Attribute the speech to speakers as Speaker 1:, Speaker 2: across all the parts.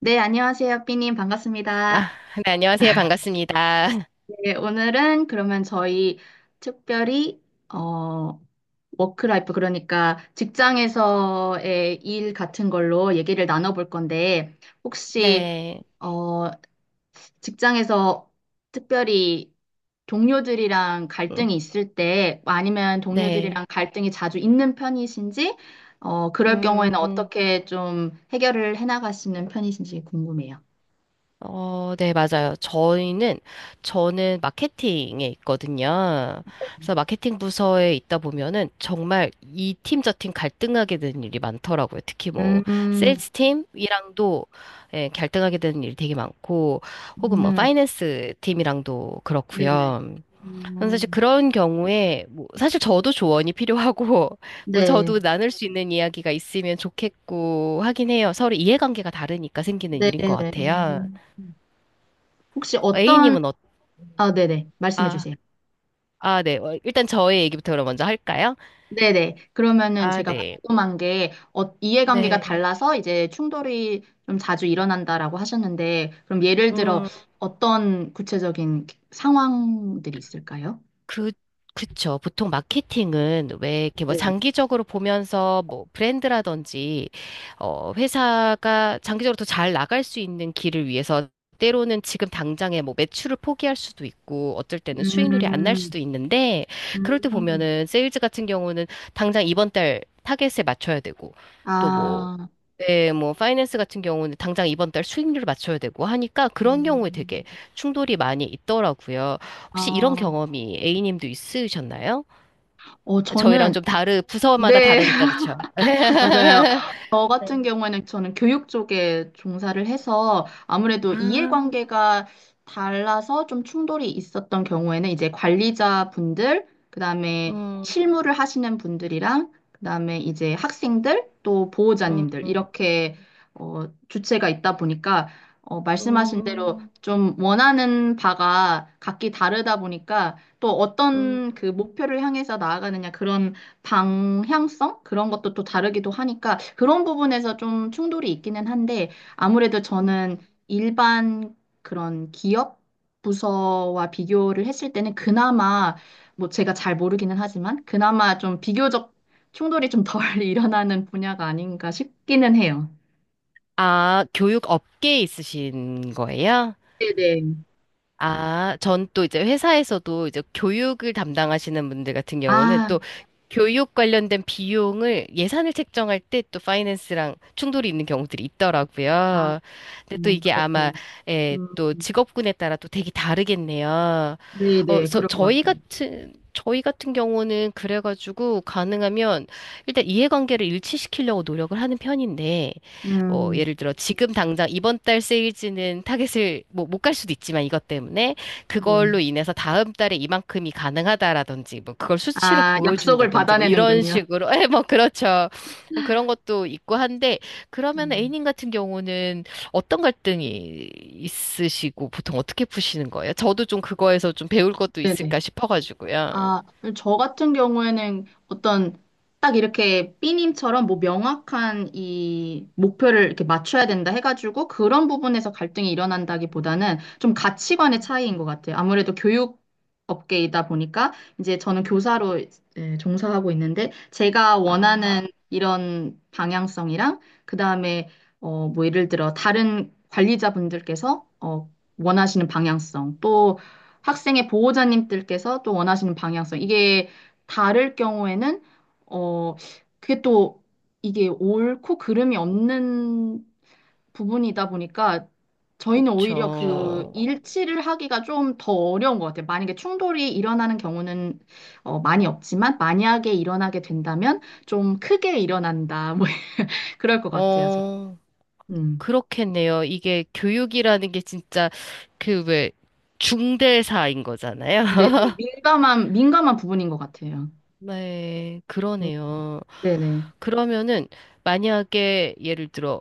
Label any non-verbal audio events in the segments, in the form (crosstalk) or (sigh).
Speaker 1: 네, 안녕하세요, 삐님.
Speaker 2: 아,
Speaker 1: 반갑습니다.
Speaker 2: 네, 안녕하세요. 반갑습니다. (laughs)
Speaker 1: 네, 오늘은 그러면 저희 특별히, 어, 워크라이프, 그러니까 직장에서의 일 같은 걸로 얘기를 나눠볼 건데, 혹시,
Speaker 2: 네,
Speaker 1: 어, 직장에서 특별히 동료들이랑
Speaker 2: 음,
Speaker 1: 갈등이 있을 때, 아니면
Speaker 2: 네,
Speaker 1: 동료들이랑 갈등이 자주 있는 편이신지, 그럴 경우에는
Speaker 2: 음,
Speaker 1: 어떻게 좀 해결을 해나가시는 편이신지 궁금해요.
Speaker 2: 어, 네, 맞아요. 저는 마케팅에 있거든요. 그래서 마케팅 부서에 있다 보면은 정말 이 팀 저 팀 갈등하게 되는 일이 많더라고요. 특히 뭐,
Speaker 1: 음,
Speaker 2: 세일스 팀이랑도 예, 갈등하게 되는 일이 되게 많고, 혹은 뭐,
Speaker 1: 음.
Speaker 2: 파이낸스 팀이랑도
Speaker 1: 네네.
Speaker 2: 그렇고요. 저는 사실
Speaker 1: 음,
Speaker 2: 그런 경우에 뭐 사실 저도 조언이 필요하고 (laughs) 뭐
Speaker 1: 네.
Speaker 2: 저도 나눌 수 있는 이야기가 있으면 좋겠고 하긴 해요. 서로 이해관계가 다르니까 생기는 일인 것
Speaker 1: 네네.
Speaker 2: 같아요.
Speaker 1: 혹시
Speaker 2: A님은
Speaker 1: 아, 네네. 말씀해
Speaker 2: 아,
Speaker 1: 주세요.
Speaker 2: 아, 네. 일단 저의 얘기부터 그럼 먼저 할까요?
Speaker 1: 네네. 그러면은
Speaker 2: 아,
Speaker 1: 제가
Speaker 2: 네.
Speaker 1: 궁금한 게, 이해관계가
Speaker 2: 네.
Speaker 1: 달라서 이제 충돌이 좀 자주 일어난다라고 하셨는데, 그럼 예를 들어
Speaker 2: 음.
Speaker 1: 어떤 구체적인 상황들이 있을까요?
Speaker 2: 그, 그쵸. 보통 마케팅은 왜 이렇게 뭐
Speaker 1: 네.
Speaker 2: 장기적으로 보면서 뭐 브랜드라든지, 회사가 장기적으로 더 잘 나갈 수 있는 길을 위해서 때로는 지금 당장에 뭐 매출을 포기할 수도 있고, 어쩔 때는 수익률이 안 날 수도
Speaker 1: 음,
Speaker 2: 있는데, 그럴 때
Speaker 1: 음,
Speaker 2: 보면은 세일즈 같은 경우는 당장 이번 달 타겟에 맞춰야 되고, 또뭐
Speaker 1: 아,
Speaker 2: 네, 뭐 파이낸스 같은 경우는 당장 이번 달 수익률을 맞춰야 되고 하니까 그런 경우에 되게
Speaker 1: 음,
Speaker 2: 충돌이 많이 있더라고요. 혹시 이런
Speaker 1: 아,
Speaker 2: 경험이 A님도 있으셨나요?
Speaker 1: 어,
Speaker 2: 저희랑
Speaker 1: 저는,
Speaker 2: 좀 다르 부서마다
Speaker 1: 네,
Speaker 2: 다르니까 그쵸?
Speaker 1: 맞아요.
Speaker 2: (laughs)
Speaker 1: 저
Speaker 2: 네.
Speaker 1: 같은 경우에는 저는 교육 쪽에 종사를 해서 아무래도
Speaker 2: 아,
Speaker 1: 이해관계가 달라서 좀 충돌이 있었던 경우에는 이제 관리자분들, 그다음에
Speaker 2: 음,
Speaker 1: 실무를 하시는 분들이랑 그다음에 이제 학생들 또
Speaker 2: 음,
Speaker 1: 보호자님들 이렇게 주체가 있다 보니까 말씀하신 대로
Speaker 2: 음,
Speaker 1: 좀 원하는 바가 각기 다르다 보니까 또
Speaker 2: 음,
Speaker 1: 어떤 그 목표를 향해서 나아가느냐 그런 방향성? 그런 것도 또 다르기도 하니까 그런 부분에서 좀 충돌이 있기는 한데 아무래도
Speaker 2: 음.
Speaker 1: 저는 일반 그런 기업 부서와 비교를 했을 때는 그나마 뭐 제가 잘 모르기는 하지만 그나마 좀 비교적 충돌이 좀 덜 (laughs) 일어나는 분야가 아닌가 싶기는 해요.
Speaker 2: 아, 교육 업계에 있으신 거예요?
Speaker 1: 네네.
Speaker 2: 아, 전 또 이제 회사에서도 이제 교육을 담당하시는 분들 같은 경우는
Speaker 1: 아,
Speaker 2: 또 교육 관련된 비용을 예산을 책정할 때 또 파이낸스랑 충돌이 있는 경우들이
Speaker 1: 아,
Speaker 2: 있더라고요. 근데 또 이게 아마
Speaker 1: 그렇군요.
Speaker 2: 예,
Speaker 1: 음,
Speaker 2: 또 직업군에 따라 또 되게 다르겠네요. 어,
Speaker 1: 네네,
Speaker 2: 저,
Speaker 1: 그럴 것
Speaker 2: 저희
Speaker 1: 같아요.
Speaker 2: 같은 저희 같은 경우는 그래가지고 가능하면 일단 이해관계를 일치시키려고 노력을 하는 편인데 뭐
Speaker 1: 음,
Speaker 2: 예를 들어 지금 당장 이번 달 세일즈는 타겟을 뭐 못 갈 수도 있지만 이것 때문에
Speaker 1: 네.
Speaker 2: 그걸로 인해서 다음 달에 이만큼이 가능하다라든지 뭐 그걸 수치로
Speaker 1: 아, 약속을
Speaker 2: 보여준다든지 뭐 이런
Speaker 1: 받아내는군요.
Speaker 2: 식으로 (laughs) 예, 뭐 그렇죠. 그런 것도 있고 한데 그러면
Speaker 1: 음,
Speaker 2: A님 같은 경우는 어떤 갈등이 있으시고 보통 어떻게 푸시는 거예요? 저도 좀 그거에서 좀 배울 것도
Speaker 1: 네네.
Speaker 2: 있을까 싶어가지고요.
Speaker 1: 아, 저 같은 경우에는 어떤 딱 이렇게 삐님처럼 뭐 명확한 이 목표를 이렇게 맞춰야 된다 해가지고 그런 부분에서 갈등이 일어난다기보다는 좀 가치관의 차이인 것 같아요. 아무래도 교육 업계이다 보니까 이제 저는 교사로 예, 종사하고 있는데 제가
Speaker 2: 아,
Speaker 1: 원하는 이런 방향성이랑 그다음에 뭐 예를 들어 다른 관리자분들께서 원하시는 방향성 또 학생의 보호자님들께서 또 원하시는 방향성. 이게 다를 경우에는, 어, 그게 또 이게 옳고 그름이 없는 부분이다 보니까 저희는 오히려 그그
Speaker 2: 그쵸.
Speaker 1: 일치를 하기가 좀 더 어려운 것 같아요. 만약에 충돌이 일어나는 경우는 많이 없지만 만약에 일어나게 된다면 좀 크게 일어난다. 뭐 (laughs) 그럴 것 같아요. 저.
Speaker 2: 어,
Speaker 1: 음.
Speaker 2: 그렇겠네요. 이게 교육이라는 게 진짜 그 왜 중대사인 거잖아요.
Speaker 1: 근데 되게
Speaker 2: (laughs)
Speaker 1: 민감한 부분인 것 같아요.
Speaker 2: 네,
Speaker 1: 음,
Speaker 2: 그러네요.
Speaker 1: 네네.
Speaker 2: 그러면은 만약에 예를 들어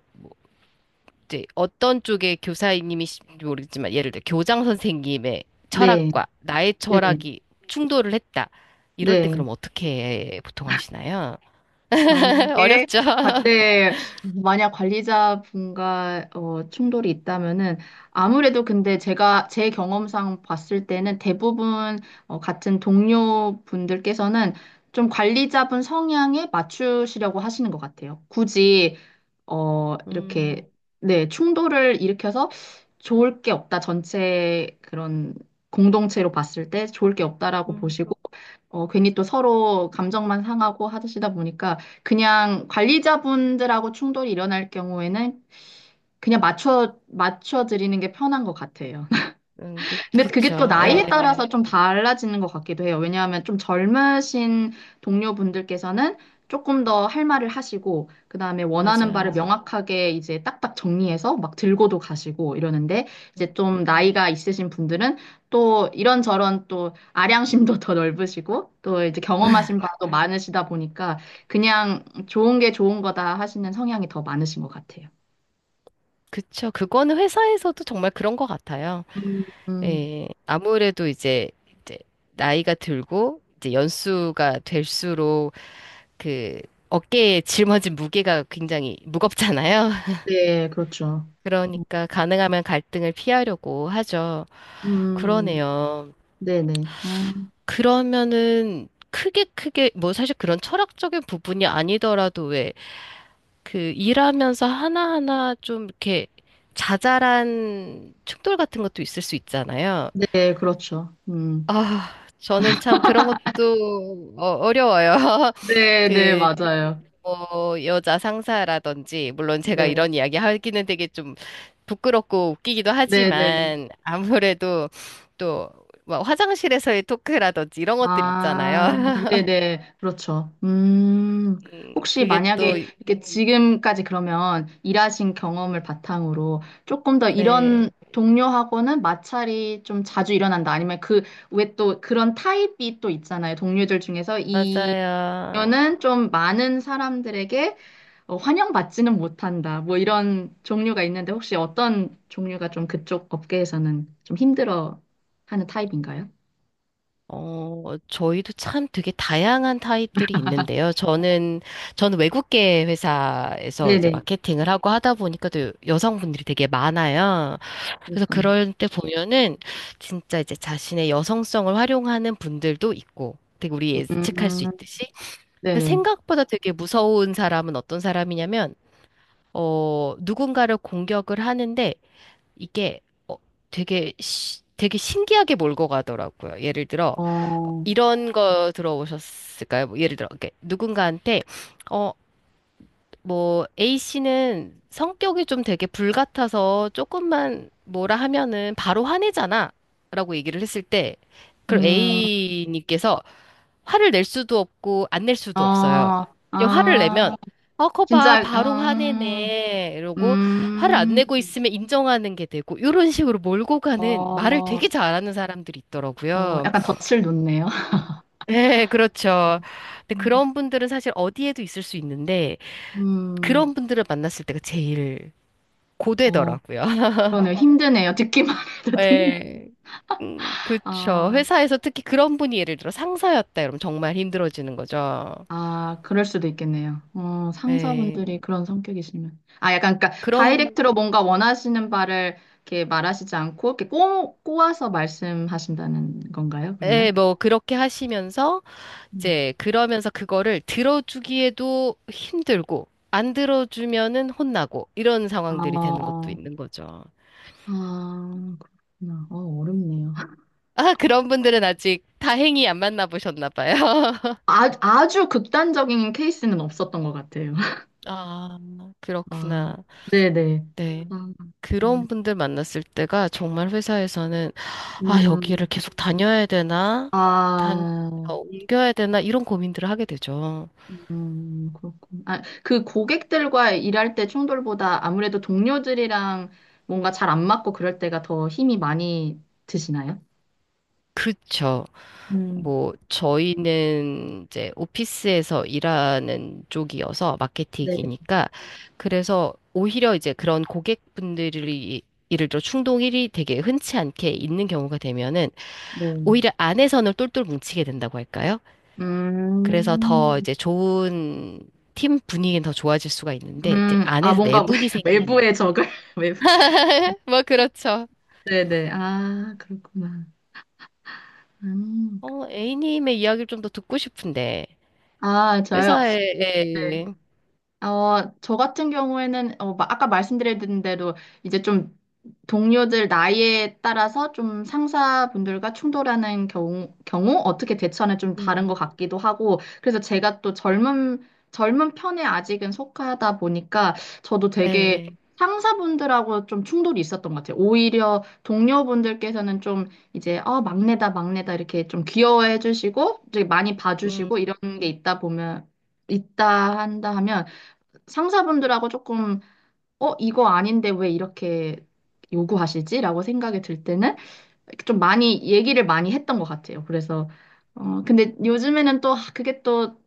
Speaker 2: 이제 어떤 쪽의 교사님이신지 모르겠지만 예를 들어 교장 선생님의
Speaker 1: 네.
Speaker 2: 철학과 나의
Speaker 1: 네네.
Speaker 2: 철학이 충돌을 했다. 이럴 땐
Speaker 1: 네.
Speaker 2: 그럼 어떻게 보통 하시나요? (laughs)
Speaker 1: 만약에
Speaker 2: 어렵죠. (laughs)
Speaker 1: 네, 만약 관리자분과 충돌이 있다면은 아무래도 근데 제가 제 경험상 봤을 때는 대부분 같은 동료분들께서는 좀 관리자분 성향에 맞추시려고 하시는 것 같아요. 굳이 어,
Speaker 2: 음,
Speaker 1: 이렇게, 네, 충돌을 일으켜서 좋을 게 없다. 전체 그런 공동체로 봤을 때 좋을 게 없다라고
Speaker 2: 음,
Speaker 1: 보시고, 괜히 또 서로 감정만 상하고 하시다 보니까 그냥 관리자분들하고 충돌이 일어날 경우에는 그냥 맞춰 드리는 게 편한 것 같아요.
Speaker 2: 그,
Speaker 1: 근데 그게 또
Speaker 2: 그쵸. 예,
Speaker 1: 나이에 따라서 좀 달라지는 것 같기도 해요. 왜냐하면 좀 젊으신 동료분들께서는 조금 더 할 말을 하시고, 그 다음에 원하는 바를
Speaker 2: 맞아요.
Speaker 1: 명확하게 이제 딱딱 정리해서 막 들고도 가시고 이러는데, 이제 좀
Speaker 2: 음.
Speaker 1: 나이가 있으신 분들은 또 이런저런 또 아량심도 더 넓으시고, 또 이제 경험하신 바도 많으시다 보니까, 그냥 좋은 게 좋은 거다 하시는 성향이 더 많으신 것 같아요.
Speaker 2: 그쵸. 그거는 회사에서도 정말 그런 것 같아요.
Speaker 1: 음, 음,
Speaker 2: 예. 아무래도 이제, 나이가 들고 이제 연수가 될수록 그 어깨에 짊어진 무게가 굉장히 무겁잖아요. (laughs)
Speaker 1: 네, 그렇죠.
Speaker 2: 그러니까 가능하면 갈등을 피하려고 하죠.
Speaker 1: 음,
Speaker 2: 그러네요.
Speaker 1: 네네. 아,
Speaker 2: 그러면은 크게 크게 뭐 사실 그런 철학적인 부분이 아니더라도 왜 그 일하면서 하나하나 좀 이렇게 자잘한 충돌 같은 것도 있을 수 있잖아요.
Speaker 1: 네, 그렇죠. 음.
Speaker 2: 아, 저는 참 그런 것도 어려워요. (laughs)
Speaker 1: 네네,
Speaker 2: 그,
Speaker 1: 맞아요.
Speaker 2: 뭐, 여자 상사라든지, 물론 제가
Speaker 1: 네.
Speaker 2: 이런 이야기 하기는 되게 좀 부끄럽고 웃기기도
Speaker 1: 네네.
Speaker 2: 하지만, 아무래도 또, 뭐 화장실에서의 토크라든지 이런 것들 있잖아요.
Speaker 1: 아,
Speaker 2: (laughs)
Speaker 1: 네네. 그렇죠. 음. 혹시
Speaker 2: 그게 또,
Speaker 1: 만약에 이렇게 지금까지 그러면 일하신 경험을 바탕으로 조금 더 이런
Speaker 2: 네,
Speaker 1: 동료하고는 마찰이 좀 자주 일어난다. 아니면 그, 왜 또 그런 타입이 또 있잖아요. 동료들 중에서 이
Speaker 2: 맞아요.
Speaker 1: 동료는 좀 많은 사람들에게 환영받지는 못한다. 뭐 이런 종류가 있는데 혹시 어떤 종류가 좀 그쪽 업계에서는 좀 힘들어 하는 타입인가요?
Speaker 2: 저희도 참 되게 다양한 타입들이 있는데요. 저는 외국계 회사에서 이제
Speaker 1: 네네.
Speaker 2: 마케팅을 하고 하다 보니까 또 여성분들이 되게 많아요. 그래서
Speaker 1: 그렇군.
Speaker 2: 그럴 때 보면은 진짜 이제 자신의 여성성을 활용하는 분들도 있고 되게 우리 예측할 수
Speaker 1: 음,
Speaker 2: 있듯이. 근데
Speaker 1: 네네.
Speaker 2: 생각보다 되게 무서운 사람은 어떤 사람이냐면, 누군가를 공격을 하는데 이게 어, 되게 신기하게 몰고 가더라고요. 예를 들어,
Speaker 1: 어,
Speaker 2: 이런 거 들어보셨을까요? 뭐 예를 들어, 이렇게 누군가한테, 어, 뭐, A씨는 성격이 좀 되게 불같아서 조금만 뭐라 하면은 바로 화내잖아. 라고 얘기를 했을 때, 그럼
Speaker 1: 음,
Speaker 2: A님께서 화를 낼 수도 없고, 안 낼 수도 없어요.
Speaker 1: 어,
Speaker 2: 이 화를
Speaker 1: 아,
Speaker 2: 내면, 어, 거 봐,
Speaker 1: 진짜,
Speaker 2: 바로 화내네. 이러고, 화를 안
Speaker 1: 음,
Speaker 2: 내고 있으면 인정하는 게 되고, 이런 식으로 몰고 가는
Speaker 1: 어,
Speaker 2: 말을 되게 잘하는 사람들이
Speaker 1: 어,
Speaker 2: 있더라고요.
Speaker 1: 약간 덫을 놓네요.
Speaker 2: 네,
Speaker 1: (laughs)
Speaker 2: 그렇죠. 근데
Speaker 1: 음,
Speaker 2: 그런 분들은 사실 어디에도 있을 수 있는데,
Speaker 1: 음,
Speaker 2: 그런 분들을 만났을 때가 제일
Speaker 1: 어,
Speaker 2: 고되더라고요. (laughs)
Speaker 1: 그러네요. 힘드네요. 듣기만 (laughs) 해도 힘,
Speaker 2: 네. 그쵸.
Speaker 1: 아,
Speaker 2: 회사에서 특히 그런 분이 예를 들어 상사였다 그러면 정말 힘들어지는 거죠.
Speaker 1: 아, 그럴 수도 있겠네요.
Speaker 2: 네.
Speaker 1: 상사분들이 그런 성격이시면. 아, 약간, 그러니까,
Speaker 2: 그럼,
Speaker 1: 다이렉트로 뭔가 원하시는 바를 이렇게 말하시지 않고, 이렇게 꼬아서 말씀하신다는 건가요, 그러면?
Speaker 2: 예, 뭐, 그렇게 하시면서,
Speaker 1: 음.
Speaker 2: 이제, 그러면서 그거를 들어주기에도 힘들고, 안 들어주면은 혼나고, 이런 상황들이 되는 것도
Speaker 1: 어,
Speaker 2: 있는 거죠.
Speaker 1: 아, 그렇구나. 어, 어렵네요. (laughs)
Speaker 2: 아, 그런 분들은 아직 다행히 안 만나보셨나 봐요.
Speaker 1: 아, 아주 극단적인 케이스는 없었던 것 같아요. (laughs)
Speaker 2: 아,
Speaker 1: 아,
Speaker 2: 그렇구나.
Speaker 1: 네네.
Speaker 2: 네.
Speaker 1: 아, 음,
Speaker 2: 그런 분들 만났을 때가 정말 회사에서는, 아, 여기를
Speaker 1: 음,
Speaker 2: 계속 다녀야 되나? 단,
Speaker 1: 아,
Speaker 2: 옮겨야 되나? 이런 고민들을 하게 되죠.
Speaker 1: 그렇군. 아, 그 고객들과 일할 때 충돌보다 아무래도 동료들이랑 뭔가 잘 안 맞고 그럴 때가 더 힘이 많이 드시나요?
Speaker 2: 그쵸.
Speaker 1: 음,
Speaker 2: 뭐, 저희는 이제 오피스에서 일하는 쪽이어서
Speaker 1: 네,
Speaker 2: 마케팅이니까, 그래서 오히려 이제 그런 고객분들이 예를 들어 충동 일이 되게 흔치 않게 있는 경우가 되면은
Speaker 1: 네.
Speaker 2: 오히려 안에서는 똘똘 뭉치게 된다고 할까요? 그래서 더
Speaker 1: 음,
Speaker 2: 이제 좋은 팀 분위기는 더 좋아질 수가 있는데 이제
Speaker 1: 아,
Speaker 2: 안에서
Speaker 1: 뭔가
Speaker 2: 내분이
Speaker 1: (laughs)
Speaker 2: 생기는
Speaker 1: 외부의
Speaker 2: 게.
Speaker 1: 적을, (laughs) 외부.
Speaker 2: (laughs) 뭐 그렇죠.
Speaker 1: 네네. 아, 그렇구나. 음.
Speaker 2: A님의 이야기를 좀 더 듣고 싶은데
Speaker 1: 아, 저요?
Speaker 2: 회사에 예.
Speaker 1: 어, 저 같은 경우에는, 어, 아까 말씀드린 대로 이제 좀 동료들 나이에 따라서 좀 상사분들과 충돌하는 경우 어떻게 대처하는 좀 다른 것
Speaker 2: 음.
Speaker 1: 같기도 하고, 그래서 제가 또 젊은 편에 아직은 속하다 보니까 저도 되게
Speaker 2: 네.
Speaker 1: 상사분들하고 좀 충돌이 있었던 것 같아요. 오히려 동료분들께서는 좀 이제, 막내다, 막내다 이렇게 좀 귀여워해 주시고, 되게 많이
Speaker 2: 음.
Speaker 1: 봐주시고 이런 게 있다 보면, 있다 한다 하면 상사분들하고 이거 아닌데 왜 이렇게 요구하시지? 라고 생각이 들 때는 좀 많이 했던 것 같아요. 그래서, 근데 요즘에는 또 아, 그게 또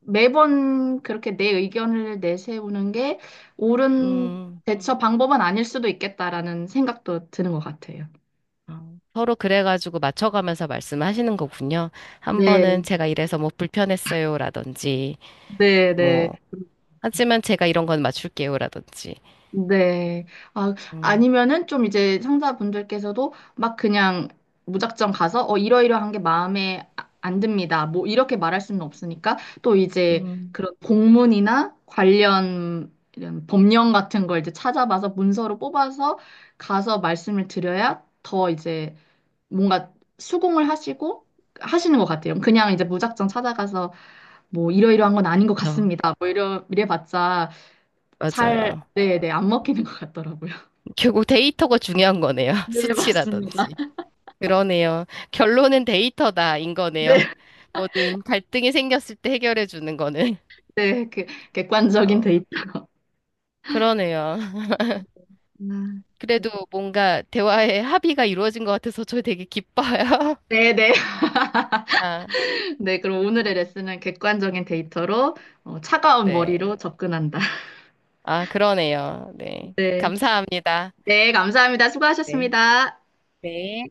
Speaker 1: 매번 그렇게 내 의견을 내세우는 게 옳은
Speaker 2: 음.
Speaker 1: 대처 방법은 아닐 수도 있겠다라는 생각도 드는 것 같아요.
Speaker 2: 서로 그래가지고 맞춰가면서 말씀하시는 거군요. 한
Speaker 1: 네,
Speaker 2: 번은 제가 이래서 뭐 불편했어요라든지
Speaker 1: 네, 네.
Speaker 2: 뭐 하지만 제가 이런 건 맞출게요라든지.
Speaker 1: 네. 아,
Speaker 2: 음.
Speaker 1: 아니면은 좀 이제 상사분들께서도 막 그냥 무작정 가서 이러이러한 게 마음에 안 듭니다. 뭐 이렇게 말할 수는 없으니까 또 이제
Speaker 2: 음.
Speaker 1: 그런 공문이나 관련 이런 법령 같은 걸 이제 찾아봐서 문서로 뽑아서 가서 말씀을 드려야 더 이제 뭔가 수긍을 하시고 하시는 것 같아요. 그냥 이제 무작정 찾아가서 뭐 이러이러한 건 아닌 것
Speaker 2: 어,
Speaker 1: 같습니다. 뭐 이래봤자
Speaker 2: 맞아요.
Speaker 1: 네네, 안 먹히는 것 같더라고요.
Speaker 2: 결국 데이터가 중요한 거네요. (laughs)
Speaker 1: 네, 맞습니다.
Speaker 2: 수치라든지. 그러네요. 결론은 데이터다인 거네요.
Speaker 1: 네,
Speaker 2: 뭐든 갈등이 생겼을 때 해결해 주는 거는.
Speaker 1: 네, 그 객관적인
Speaker 2: 어,
Speaker 1: 데이터.
Speaker 2: 그러네요. (laughs)
Speaker 1: 아, 그래서-
Speaker 2: 그래도 뭔가 대화의 합의가 이루어진 것 같아서 저 되게 기뻐요.
Speaker 1: 네, 네, (laughs)
Speaker 2: (laughs) 아,
Speaker 1: 네. 그럼 오늘의 레슨은 객관적인 데이터로 차가운
Speaker 2: 네.
Speaker 1: 머리로 접근한다.
Speaker 2: 아, 그러네요. 네.
Speaker 1: 네,
Speaker 2: 감사합니다.
Speaker 1: 네, 감사합니다.
Speaker 2: 네.
Speaker 1: 수고하셨습니다.
Speaker 2: 네.